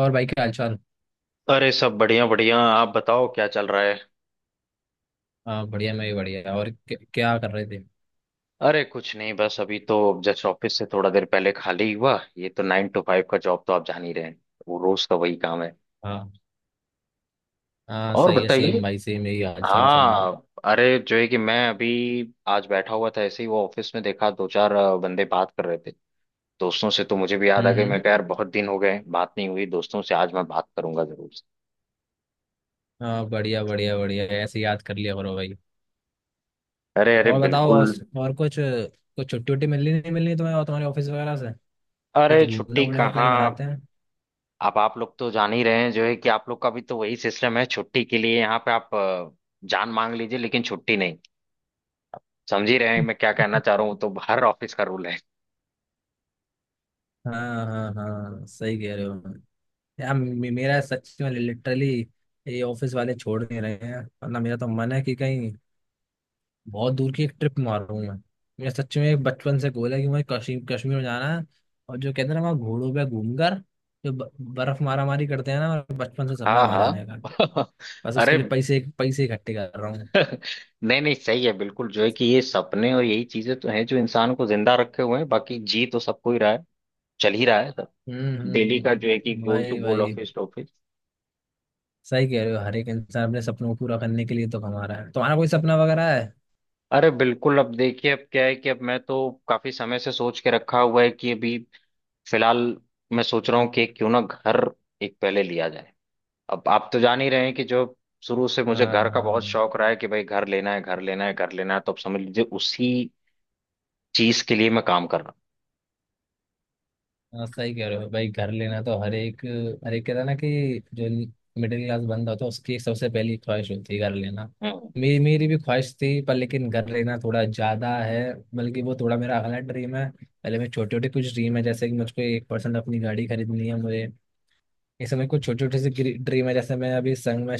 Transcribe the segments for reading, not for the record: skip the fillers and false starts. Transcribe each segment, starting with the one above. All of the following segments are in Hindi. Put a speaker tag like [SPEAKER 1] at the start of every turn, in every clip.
[SPEAKER 1] और भाई क्या हालचाल?
[SPEAKER 2] अरे सब बढ़िया बढ़िया। आप बताओ क्या चल रहा है।
[SPEAKER 1] हाँ, बढ़िया। मैं भी बढ़िया। और क्या, क्या कर रहे थे?
[SPEAKER 2] अरे कुछ नहीं, बस अभी तो जस्ट ऑफिस से थोड़ा देर पहले खाली हुआ। ये तो 9 to 5 का जॉब तो आप जान ही रहे हैं। वो रोज का वही काम है।
[SPEAKER 1] हाँ, हाँ,
[SPEAKER 2] और
[SPEAKER 1] सही है। सेम
[SPEAKER 2] बताइए।
[SPEAKER 1] भाई सेम, यही हालचाल चल रहा।
[SPEAKER 2] हाँ, अरे जो है कि मैं अभी आज बैठा हुआ था ऐसे ही, वो ऑफिस में देखा दो चार बंदे बात कर रहे थे दोस्तों से, तो मुझे भी याद आ
[SPEAKER 1] हम्म,
[SPEAKER 2] गई।
[SPEAKER 1] हम्म।
[SPEAKER 2] मैं कहा यार, बहुत दिन हो गए बात नहीं हुई दोस्तों से, आज मैं बात करूंगा जरूर से।
[SPEAKER 1] हाँ, बढ़िया बढ़िया बढ़िया। ऐसे याद कर लिया करो भाई।
[SPEAKER 2] अरे अरे,
[SPEAKER 1] और बताओ।
[SPEAKER 2] बिल्कुल।
[SPEAKER 1] और कुछ कुछ छुट्टी उट्टी मिलनी नहीं मिलनी तुम्हें और तुम्हारे ऑफिस वगैरह से? कुछ
[SPEAKER 2] अरे
[SPEAKER 1] घूमने
[SPEAKER 2] छुट्टी
[SPEAKER 1] वूमने का प्लान
[SPEAKER 2] कहाँ।
[SPEAKER 1] बनाते हैं?
[SPEAKER 2] अब आप लोग तो जान ही रहे हैं जो है कि आप लोग का भी तो वही सिस्टम है। छुट्टी के लिए यहाँ पे आप जान मांग लीजिए, लेकिन छुट्टी नहीं। समझ ही रहे हैं मैं क्या कहना चाह रहा हूँ। तो हर ऑफिस का रूल है।
[SPEAKER 1] हाँ, हाँ, हाँ, सही कह रहे हो। यार मेरा सच में लिटरली ये ऑफिस वाले छोड़ नहीं रहे हैं, वरना मेरा तो मन है कि कहीं बहुत दूर की एक ट्रिप मारूं मैं। मेरा सच में एक बचपन से गोल है कि मुझे कश्मीर कश्मीर में जाना है। और जो कहते हैं ना, वहाँ घोड़ों पे घूमकर जो बर्फ मारा मारी करते हैं ना, मेरा बचपन से सपना है
[SPEAKER 2] हाँ
[SPEAKER 1] वहां जाने का।
[SPEAKER 2] हाँ।
[SPEAKER 1] बस
[SPEAKER 2] अरे।
[SPEAKER 1] उसके लिए पैसे पैसे इकट्ठे कर रहा हूँ।
[SPEAKER 2] नहीं नहीं, सही है बिल्कुल। जो है कि ये सपने और यही चीजें तो हैं जो इंसान को जिंदा रखे हुए हैं, बाकी जी तो सबको ही रहा है। चल ही रहा है सब।
[SPEAKER 1] हम्म,
[SPEAKER 2] डेली का जो है कि गोल टू
[SPEAKER 1] वही
[SPEAKER 2] गोल,
[SPEAKER 1] वही।
[SPEAKER 2] Office to office.
[SPEAKER 1] सही कह रहे हो। हर एक इंसान अपने सपनों को पूरा करने के लिए तो कमा रहा है। तुम्हारा कोई सपना वगैरह है?
[SPEAKER 2] अरे बिल्कुल। अब देखिए, अब क्या है कि अब मैं तो काफी समय से सोच के रखा हुआ है कि अभी फिलहाल मैं सोच रहा हूँ कि क्यों ना घर एक पहले लिया जाए। अब आप तो जान ही रहे हैं कि जो शुरू से मुझे
[SPEAKER 1] हाँ,
[SPEAKER 2] घर
[SPEAKER 1] हाँ,
[SPEAKER 2] का बहुत
[SPEAKER 1] हाँ।
[SPEAKER 2] शौक रहा है कि भाई घर लेना है, घर लेना है, घर लेना है। तो आप समझ लीजिए उसी चीज के लिए मैं काम कर रहा
[SPEAKER 1] हाँ, सही कह रहे हो भाई। घर लेना तो हर एक, हर एक कहता है ना कि जो मिडिल क्लास बंदा होता है, उसकी सबसे पहली ख्वाहिश होती है घर लेना।
[SPEAKER 2] हूँ।
[SPEAKER 1] मेरी मेरी भी ख्वाहिश थी, पर लेकिन घर लेना थोड़ा ज्यादा है, बल्कि वो थोड़ा मेरा अगला ड्रीम है। पहले मैं छोटे छोटे कुछ ड्रीम है, जैसे कि मुझको 1% अपनी गाड़ी खरीदनी है मुझे। इस समय कुछ छोटे छोटे से ड्रीम है, जैसे मैं अभी संग में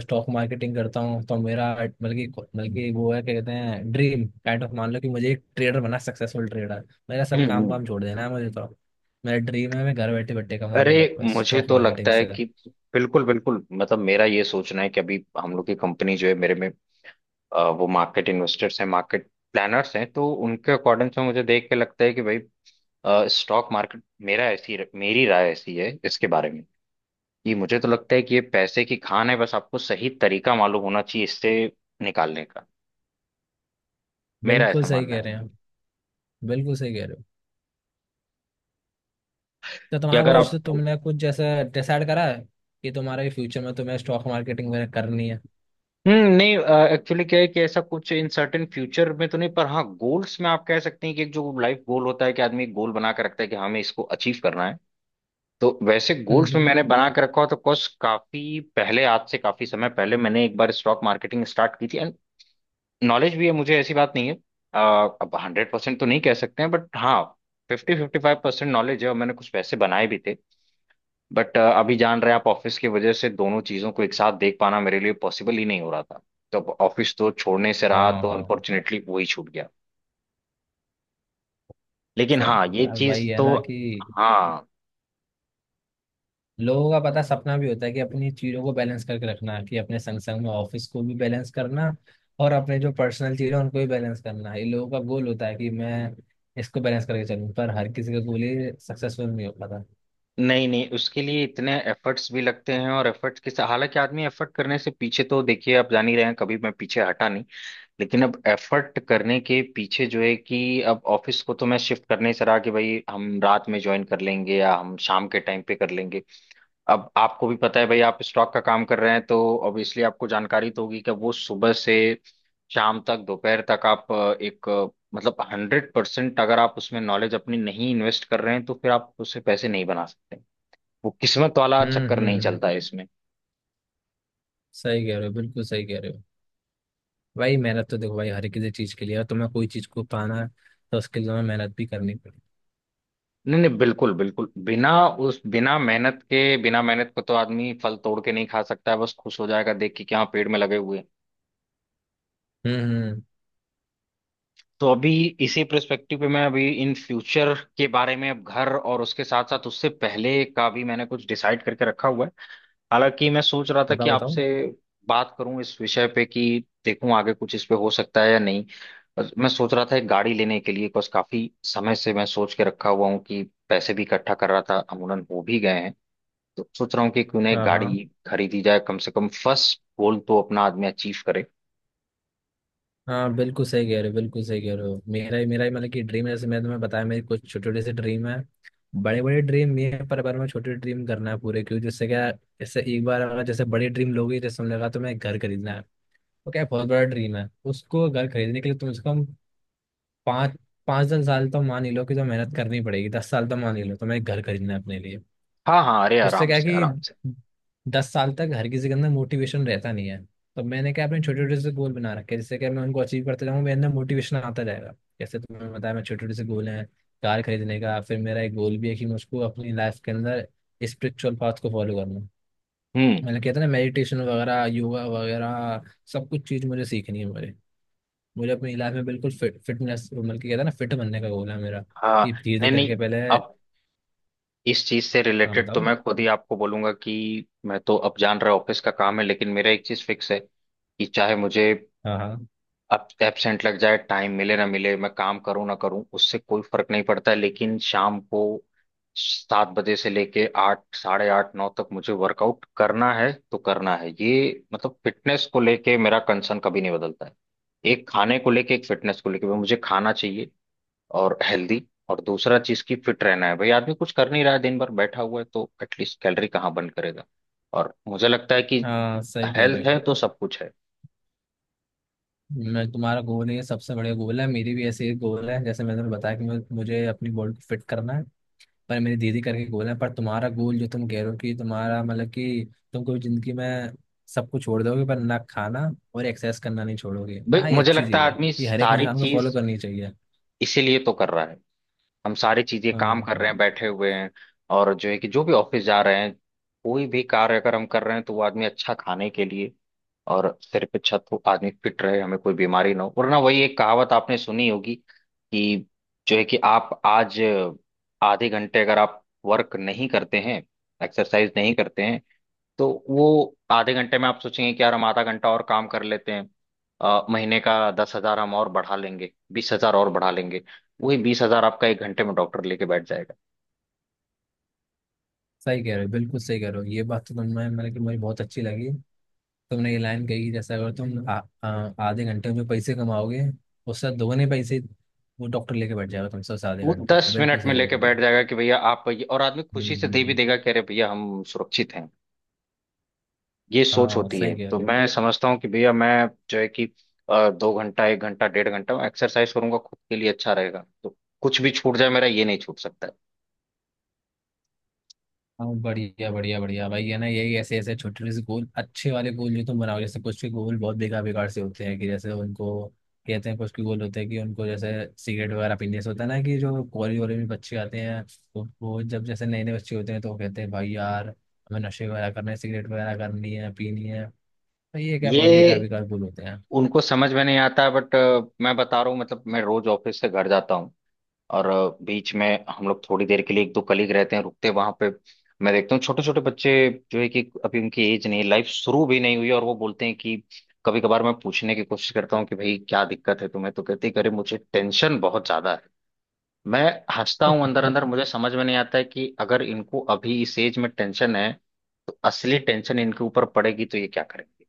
[SPEAKER 1] स्टॉक मार्केटिंग करता हूँ, तो मेरा बल्कि बल्कि वो है क्या कहते हैं ड्रीम काइंड ऑफ, मान लो कि मुझे एक ट्रेडर बनना, सक्सेसफुल ट्रेडर। मेरा सब काम
[SPEAKER 2] हम्म।
[SPEAKER 1] वाम छोड़ देना है मुझे तो। मेरा ड्रीम है मैं घर बैठे बैठे कमाऊँ,
[SPEAKER 2] अरे
[SPEAKER 1] बस
[SPEAKER 2] मुझे
[SPEAKER 1] स्टॉक
[SPEAKER 2] तो लगता
[SPEAKER 1] मार्केटिंग
[SPEAKER 2] है
[SPEAKER 1] से।
[SPEAKER 2] कि बिल्कुल बिल्कुल, मतलब मेरा ये सोचना है कि अभी हम लोग की कंपनी जो है, मेरे में वो मार्केट इन्वेस्टर्स हैं, मार्केट प्लानर्स हैं, तो उनके अकॉर्डिंग से मुझे देख के लगता है कि भाई स्टॉक मार्केट, मेरा ऐसी मेरी राय ऐसी है इसके बारे में। ये मुझे तो लगता है कि ये पैसे की खान है, बस आपको सही तरीका मालूम होना चाहिए इससे निकालने का। मेरा
[SPEAKER 1] बिल्कुल
[SPEAKER 2] ऐसा
[SPEAKER 1] सही
[SPEAKER 2] मानना
[SPEAKER 1] कह
[SPEAKER 2] है
[SPEAKER 1] रहे हैं आप। बिल्कुल सही कह रहे हो। तो
[SPEAKER 2] कि
[SPEAKER 1] तुम्हारा
[SPEAKER 2] अगर
[SPEAKER 1] कुछ
[SPEAKER 2] आप,
[SPEAKER 1] तुमने कुछ जैसा डिसाइड करा है कि तुम्हारे फ्यूचर में तुम्हें स्टॉक मार्केटिंग वगैरह करनी है?
[SPEAKER 2] हम्म, नहीं, एक्चुअली क्या है कि ऐसा कुछ इन सर्टेन फ्यूचर में तो नहीं, पर हाँ गोल्स में आप कह सकते हैं कि एक जो लाइफ गोल होता है कि आदमी गोल बना के रखता है कि हाँ, हमें इसको अचीव करना है। तो वैसे
[SPEAKER 1] हम्म,
[SPEAKER 2] गोल्स में
[SPEAKER 1] हम्म।
[SPEAKER 2] मैंने बना के रखा हो तो, कुछ काफी पहले, आज से काफी समय पहले, मैंने एक बार स्टॉक मार्केटिंग स्टार्ट की थी। नॉलेज भी है मुझे, ऐसी बात नहीं है। अब 100% तो नहीं कह सकते हैं, बट हाँ फिफ्टी, 55% नॉलेज है, और मैंने कुछ पैसे बनाए भी थे। बट अभी जान रहे हैं आप ऑफिस की वजह से दोनों चीज़ों को एक साथ देख पाना मेरे लिए पॉसिबल ही नहीं हो रहा था। तो अब ऑफिस तो छोड़ने से रहा,
[SPEAKER 1] हाँ,
[SPEAKER 2] तो
[SPEAKER 1] हाँ।
[SPEAKER 2] अनफॉर्चुनेटली वही छूट गया। लेकिन
[SPEAKER 1] समझ
[SPEAKER 2] हाँ, ये
[SPEAKER 1] यार
[SPEAKER 2] चीज़
[SPEAKER 1] वही है
[SPEAKER 2] तो।
[SPEAKER 1] ना, कि
[SPEAKER 2] हाँ।
[SPEAKER 1] लोगों का पता सपना भी होता है कि अपनी चीजों को बैलेंस करके रखना, कि अपने संग संग में ऑफिस को भी बैलेंस करना, और अपने जो पर्सनल चीजें हैं, उनको भी बैलेंस करना, ये लोगों का गोल होता है कि मैं इसको बैलेंस करके चलूं। पर हर किसी का गोल ये सक्सेसफुल नहीं हो पाता।
[SPEAKER 2] नहीं नहीं, उसके लिए इतने एफर्ट्स भी लगते हैं, और हालांकि आदमी एफर्ट करने से पीछे तो, देखिए आप जान ही रहे हैं, कभी मैं पीछे हटा नहीं। लेकिन अब एफर्ट करने के पीछे जो है कि, अब ऑफिस को तो मैं शिफ्ट करने से रहा कि भाई हम रात में ज्वाइन कर लेंगे या हम शाम के टाइम पे कर लेंगे। अब आपको भी पता है भाई, आप स्टॉक का काम कर रहे हैं तो ऑब्वियसली आपको जानकारी तो होगी कि वो सुबह से शाम तक, दोपहर तक, आप एक मतलब 100% अगर आप उसमें नॉलेज अपनी नहीं इन्वेस्ट कर रहे हैं तो फिर आप उससे पैसे नहीं बना सकते। वो किस्मत वाला
[SPEAKER 1] हम्म,
[SPEAKER 2] चक्कर
[SPEAKER 1] हम्म,
[SPEAKER 2] नहीं
[SPEAKER 1] हम्म।
[SPEAKER 2] चलता है इसमें।
[SPEAKER 1] सही कह रहे हो। बिल्कुल सही कह रहे हो। भाई मेहनत तो देखो भाई, हर किसी चीज के लिए है। तुम्हें कोई चीज को पाना है, तो उसके लिए तुम्हें मेहनत भी करनी पड़ेगी।
[SPEAKER 2] नहीं नहीं बिल्कुल बिल्कुल, बिना उस बिना मेहनत के, बिना मेहनत को तो आदमी फल तोड़ के नहीं खा सकता है, बस खुश हो जाएगा देख के कि हाँ पेड़ में लगे हुए हैं।
[SPEAKER 1] हम्म, हम्म।
[SPEAKER 2] तो अभी इसी पर्सपेक्टिव पे मैं अभी इन फ्यूचर के बारे में, अब घर और उसके साथ साथ उससे पहले का भी मैंने कुछ डिसाइड करके रखा हुआ है। हालांकि मैं सोच रहा था कि
[SPEAKER 1] बताओ, बताओ।
[SPEAKER 2] आपसे बात करूं इस विषय पे कि देखूं आगे कुछ इस पे हो सकता है या नहीं। बस मैं सोच रहा था एक गाड़ी लेने के लिए, बस काफी समय से मैं सोच के रखा हुआ हूँ कि पैसे भी इकट्ठा कर रहा था, अमूमन हो भी गए हैं। तो सोच रहा हूँ कि क्यों ना एक
[SPEAKER 1] हाँ, हाँ।
[SPEAKER 2] गाड़ी खरीदी जाए, कम से कम फर्स्ट गोल तो अपना आदमी अचीव करे।
[SPEAKER 1] हाँ, बिल्कुल सही कह रहे हो। बिल्कुल सही कह रहे हो। मेरा ही मतलब कि ड्रीम है, जैसे मैंने तुम्हें बताया मेरी कुछ छोटे छोटे से ड्रीम है। बड़े बड़े ड्रीम भी हैं, पर मैं छोटे ड्रीम करना है पूरे क्यों जिससे क्या। जैसे एक बार अगर जैसे बड़े ड्रीम लोगे, जैसे हमने कहा तुम्हें एक घर खरीदना है, तो क्या बहुत बड़ा ड्रीम है, उसको घर खरीदने के लिए तुम से कम पाँच पाँच दस साल तो मान ही लो कि तो मेहनत करनी पड़ेगी। 10 साल तो मान ही लो तुम्हें एक घर खरीदना है अपने लिए।
[SPEAKER 2] हाँ हाँ, अरे
[SPEAKER 1] उससे
[SPEAKER 2] आराम
[SPEAKER 1] क्या है
[SPEAKER 2] से आराम से।
[SPEAKER 1] कि 10 साल तक हर किसी के अंदर मोटिवेशन रहता नहीं है। तो मैंने क्या अपने छोटे छोटे से गोल बना रखे हैं, जिससे कि मैं उनको अचीव करते जाऊँ मेरे अंदर मोटिवेशन आता जाएगा। जैसे तुमने बताया मैं छोटे छोटे से गोल हैं, कार खरीदने का। फिर मेरा एक गोल भी है कि मैं उसको अपनी लाइफ के अंदर स्पिरिचुअल पाथ को फॉलो करना।
[SPEAKER 2] हम्म।
[SPEAKER 1] मैंने कहता ना मेडिटेशन वगैरह योगा वगैरह, सब कुछ चीज़ मुझे सीखनी है मुझे। मुझे अपनी लाइफ में बिल्कुल फिट फिटनेस मतलब कि कहता ना फिट बनने का गोल है मेरा
[SPEAKER 2] हाँ
[SPEAKER 1] कि धीरे धीरे
[SPEAKER 2] नहीं नहीं,
[SPEAKER 1] करके पहले।
[SPEAKER 2] अब इस चीज से
[SPEAKER 1] हाँ,
[SPEAKER 2] रिलेटेड तो
[SPEAKER 1] बताओ।
[SPEAKER 2] मैं खुद ही आपको बोलूंगा कि मैं तो, अब जान रहा ऑफिस का काम है, लेकिन मेरा एक चीज फिक्स है कि चाहे मुझे
[SPEAKER 1] हाँ, हाँ,
[SPEAKER 2] अब एबसेंट लग जाए, टाइम मिले ना मिले, मैं काम करूं ना करूं, उससे कोई फर्क नहीं पड़ता है, लेकिन शाम को 7 बजे से लेके 8, 8:30, 9 तक मुझे वर्कआउट करना है तो करना है। ये मतलब फिटनेस को लेके मेरा कंसर्न कभी नहीं बदलता है। एक खाने को लेके, एक फिटनेस को लेके। भाई मुझे खाना चाहिए और हेल्दी, और दूसरा चीज की फिट रहना है। भाई आदमी कुछ कर नहीं रहा है, दिन भर बैठा हुआ है, तो एटलीस्ट कैलोरी कहाँ बर्न करेगा। और मुझे लगता है कि
[SPEAKER 1] हाँ, सही कह रहे
[SPEAKER 2] हेल्थ
[SPEAKER 1] हो।
[SPEAKER 2] है तो सब कुछ है।
[SPEAKER 1] मैं तुम्हारा गोल है सबसे बढ़िया गोल है। मेरी भी ऐसे ही गोल है, जैसे मैंने तुम्हें बताया कि मुझे मुझे अपनी बॉडी को फिट करना है। पर मेरी दीदी करके गोल है, पर तुम्हारा गोल जो तुम कह रहे हो कि तुम्हारा मतलब कि तुम कभी जिंदगी में सब कुछ छोड़ दोगे, पर ना खाना और एक्सरसाइज करना नहीं छोड़ोगे।
[SPEAKER 2] भाई
[SPEAKER 1] हाँ, ये
[SPEAKER 2] मुझे
[SPEAKER 1] अच्छी
[SPEAKER 2] लगता
[SPEAKER 1] चीज़
[SPEAKER 2] है
[SPEAKER 1] है,
[SPEAKER 2] आदमी
[SPEAKER 1] ये हर एक
[SPEAKER 2] सारी
[SPEAKER 1] इंसान को फॉलो
[SPEAKER 2] चीज
[SPEAKER 1] करनी चाहिए।
[SPEAKER 2] इसीलिए तो कर रहा है। हम सारी चीजें
[SPEAKER 1] हाँ,
[SPEAKER 2] काम कर रहे
[SPEAKER 1] हाँ,
[SPEAKER 2] हैं, बैठे हुए हैं, और जो है कि जो भी ऑफिस जा रहे हैं, कोई भी कार्य अगर हम कर रहे हैं, तो वो आदमी अच्छा खाने के लिए, और सिर पे छत हो, आदमी फिट रहे, हमें कोई बीमारी ना हो। वरना वही एक कहावत आपने सुनी होगी कि जो है कि आप आज आधे घंटे अगर आप वर्क नहीं करते हैं, एक्सरसाइज नहीं करते हैं, तो वो आधे घंटे में आप सोचेंगे कि यार हम आधा घंटा और काम कर लेते हैं, महीने का 10,000 हम और बढ़ा लेंगे, 20,000 और बढ़ा लेंगे। वही 20,000 आपका एक घंटे में डॉक्टर लेके बैठ जाएगा।
[SPEAKER 1] सही कह रहे हो। बिल्कुल सही कह रहे हो। ये बात तो तुमने मतलब कि मुझे बहुत अच्छी लगी। तुमने ये लाइन कही, जैसे अगर तुम आ, आ, आधे घंटे में पैसे कमाओगे, उससे दोगुने पैसे वो डॉक्टर लेके बैठ जाएगा तुमसे उस आधे
[SPEAKER 2] वो
[SPEAKER 1] घंटे के।
[SPEAKER 2] दस
[SPEAKER 1] बिल्कुल
[SPEAKER 2] मिनट में
[SPEAKER 1] सही कह रहे
[SPEAKER 2] लेके
[SPEAKER 1] हो
[SPEAKER 2] बैठ
[SPEAKER 1] भाई।
[SPEAKER 2] जाएगा कि भैया आप ये, और आदमी
[SPEAKER 1] हम्म,
[SPEAKER 2] खुशी
[SPEAKER 1] हम्म,
[SPEAKER 2] से दे भी देगा, कह रहे भैया हम सुरक्षित हैं। ये सोच
[SPEAKER 1] हाँ,
[SPEAKER 2] होती है।
[SPEAKER 1] सही कह
[SPEAKER 2] तो
[SPEAKER 1] रहे हो।
[SPEAKER 2] मैं समझता हूँ कि भैया मैं जो है कि 2 घंटा, 1 घंटा, डेढ़ घंटा एक्सरसाइज करूंगा खुद के लिए अच्छा रहेगा, तो कुछ भी छूट जाए मेरा ये नहीं छूट सकता है।
[SPEAKER 1] हाँ, बढ़िया बढ़िया बढ़िया भाई, है ना, यही ऐसे ऐसे छोटे छोटे से गोल, अच्छे वाले गोल जो तुम बनाओ। जैसे कुछ के गोल बहुत बेकार बेकार से होते हैं, कि जैसे उनको कहते हैं कुछ के गोल होते हैं कि उनको जैसे सिगरेट वगैरह पीने से होता है ना, कि जो कॉलेज वॉलेज में बच्चे आते हैं, तो वो जब जैसे नए नए बच्चे होते हैं तो वो कहते हैं भाई यार हमें नशे वगैरह करने हैं सिगरेट वगैरह करनी है पीनी है। भाई ये क्या बहुत बेकार
[SPEAKER 2] ये
[SPEAKER 1] बेकार बोल होते हैं।
[SPEAKER 2] उनको समझ में नहीं आता है, बट मैं बता रहा हूँ मतलब। मैं रोज ऑफिस से घर जाता हूँ, और बीच में हम लोग थोड़ी देर के लिए, एक दो कलीग रहते हैं, रुकते हैं वहां पे। मैं देखता हूँ छोटे छोटे बच्चे, जो है कि अभी उनकी एज नहीं, लाइफ शुरू भी नहीं हुई, और वो बोलते हैं कि, कभी कभार मैं पूछने की कोशिश करता हूँ कि भाई क्या दिक्कत है तुम्हें, तो कहते हैं कि अरे मुझे टेंशन बहुत ज्यादा है। मैं हंसता हूँ अंदर अंदर, मुझे समझ में नहीं आता है कि अगर इनको अभी इस एज में टेंशन है, तो असली टेंशन इनके ऊपर पड़ेगी तो ये क्या करेंगे,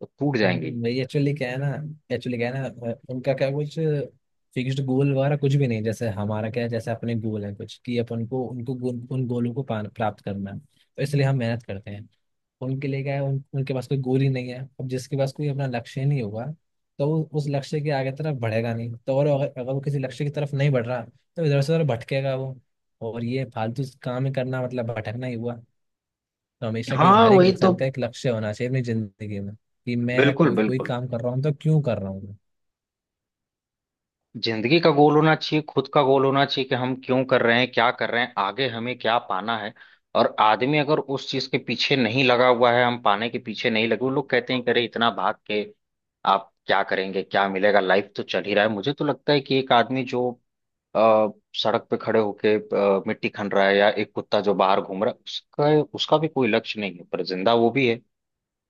[SPEAKER 2] तो टूट जाएंगे।
[SPEAKER 1] भाई एक्चुअली क्या है ना, उनका क्या कुछ फिक्स्ड गोल वगैरह कुछ भी नहीं, जैसे हमारा क्या है, जैसे अपने गोल है कुछ कि अपन को उनको गोल, उन गोलों को प्राप्त करना है, तो इसलिए हम मेहनत करते हैं। उनके लिए क्या है उनके पास कोई गोल ही नहीं है। अब जिसके पास कोई अपना लक्ष्य ही नहीं होगा, तो वो उस लक्ष्य के आगे तरफ बढ़ेगा नहीं। तो और अगर वो किसी लक्ष्य की तरफ नहीं बढ़ रहा, तो इधर से उधर भटकेगा वो। और ये फालतू काम ही करना मतलब भटकना ही हुआ। तो हमेशा कि
[SPEAKER 2] हाँ
[SPEAKER 1] हर एक
[SPEAKER 2] वही तो,
[SPEAKER 1] इंसान का एक लक्ष्य होना चाहिए अपनी जिंदगी में, कि मैं
[SPEAKER 2] बिल्कुल
[SPEAKER 1] कोई कोई
[SPEAKER 2] बिल्कुल।
[SPEAKER 1] काम कर रहा हूँ तो क्यों कर रहा हूँ मैं।
[SPEAKER 2] जिंदगी का गोल होना चाहिए, खुद का गोल होना चाहिए कि हम क्यों कर रहे हैं, क्या कर रहे हैं, आगे हमें क्या पाना है। और आदमी अगर उस चीज के पीछे नहीं लगा हुआ है, हम पाने के पीछे नहीं लगे, वो लोग कहते हैं कि अरे इतना भाग के आप क्या करेंगे, क्या मिलेगा, लाइफ तो चल ही रहा है। मुझे तो लगता है कि एक आदमी जो अ, सड़क पे खड़े होके मिट्टी खन रहा है, या एक कुत्ता जो बाहर घूम रहा है, उसका उसका भी कोई लक्ष्य नहीं है, पर जिंदा वो भी है।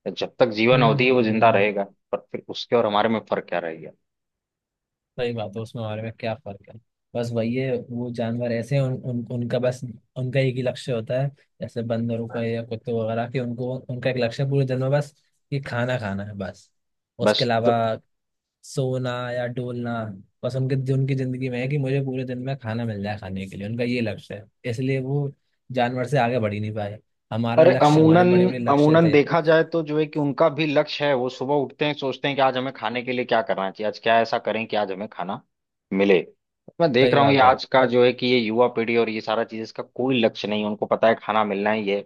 [SPEAKER 2] जब तक जीवन
[SPEAKER 1] हम्म,
[SPEAKER 2] अवधि है वो
[SPEAKER 1] हम्म,
[SPEAKER 2] जिंदा
[SPEAKER 1] हम्म।
[SPEAKER 2] रहेगा। पर फिर उसके और हमारे में फर्क क्या रहेगा।
[SPEAKER 1] सही बात है। उसमें हमारे में क्या फर्क है? बस वही है, वो जानवर ऐसे हैं। उन, उन उनका बस, उनका एक ही लक्ष्य होता है। जैसे बंदरों का या कुत्तों वगैरह के, उनको उनका एक लक्ष्य पूरे दिन में बस ये खाना खाना है। बस उसके
[SPEAKER 2] बस
[SPEAKER 1] अलावा
[SPEAKER 2] तो।
[SPEAKER 1] सोना या डोलना। बस उनके उनकी जिंदगी में है कि मुझे पूरे दिन में खाना मिल जाए, खाने के लिए उनका ये लक्ष्य है, इसलिए वो जानवर से आगे बढ़ ही नहीं पाए। हमारा
[SPEAKER 2] अरे
[SPEAKER 1] लक्ष्य, हमारे
[SPEAKER 2] अमूनन,
[SPEAKER 1] बड़े बड़े लक्ष्य
[SPEAKER 2] अमूनन
[SPEAKER 1] थे।
[SPEAKER 2] देखा जाए तो जो है कि उनका भी लक्ष्य है, वो सुबह उठते हैं सोचते हैं कि आज हमें खाने के लिए क्या करना चाहिए, आज क्या ऐसा करें कि आज हमें खाना मिले। मैं देख
[SPEAKER 1] सही
[SPEAKER 2] रहा हूँ ये
[SPEAKER 1] बात है।
[SPEAKER 2] आज का जो है कि ये युवा पीढ़ी, और ये सारा चीज, इसका कोई लक्ष्य नहीं है। उनको पता है खाना मिलना ही है,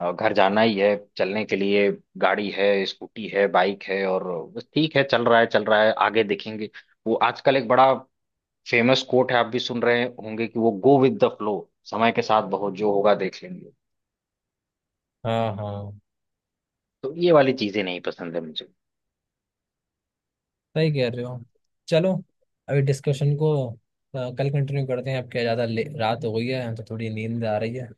[SPEAKER 2] घर जाना ही है, चलने के लिए गाड़ी है, स्कूटी है, बाइक है, और बस ठीक है, चल रहा है चल रहा है, आगे देखेंगे। वो आजकल एक बड़ा फेमस कोट है, आप भी सुन रहे होंगे कि वो गो विद द फ्लो, समय के साथ बहुत जो होगा देख लेंगे।
[SPEAKER 1] हाँ, हाँ,
[SPEAKER 2] तो ये वाली चीजें नहीं पसंद है मुझे।
[SPEAKER 1] सही कह रहे हो। चलो, अभी डिस्कशन को कल कंटिन्यू करते हैं। अब क्या ज़्यादा रात हो गई है तो थोड़ी नींद आ रही है।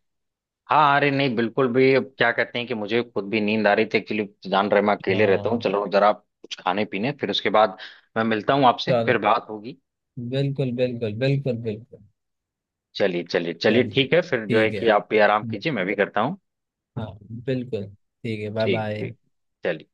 [SPEAKER 2] हाँ अरे नहीं बिल्कुल भी, अब क्या कहते हैं कि मुझे खुद भी नींद आ रही थी एक्चुअली। जान रहे मैं अकेले रहता हूँ,
[SPEAKER 1] हाँ।
[SPEAKER 2] चलो जरा कुछ खाने पीने फिर उसके बाद। मैं मिलता हूँ आपसे, फिर
[SPEAKER 1] चलो।
[SPEAKER 2] बात होगी।
[SPEAKER 1] बिल्कुल, बिल्कुल, बिल्कुल, बिल्कुल।
[SPEAKER 2] चलिए चलिए चलिए,
[SPEAKER 1] चलिए,
[SPEAKER 2] ठीक है फिर, जो है
[SPEAKER 1] ठीक
[SPEAKER 2] कि
[SPEAKER 1] है।
[SPEAKER 2] आप भी आराम
[SPEAKER 1] ब-
[SPEAKER 2] कीजिए मैं भी करता हूँ।
[SPEAKER 1] हाँ, बिल्कुल ठीक है। बाय
[SPEAKER 2] ठीक
[SPEAKER 1] बाय।
[SPEAKER 2] ठीक। चलिए।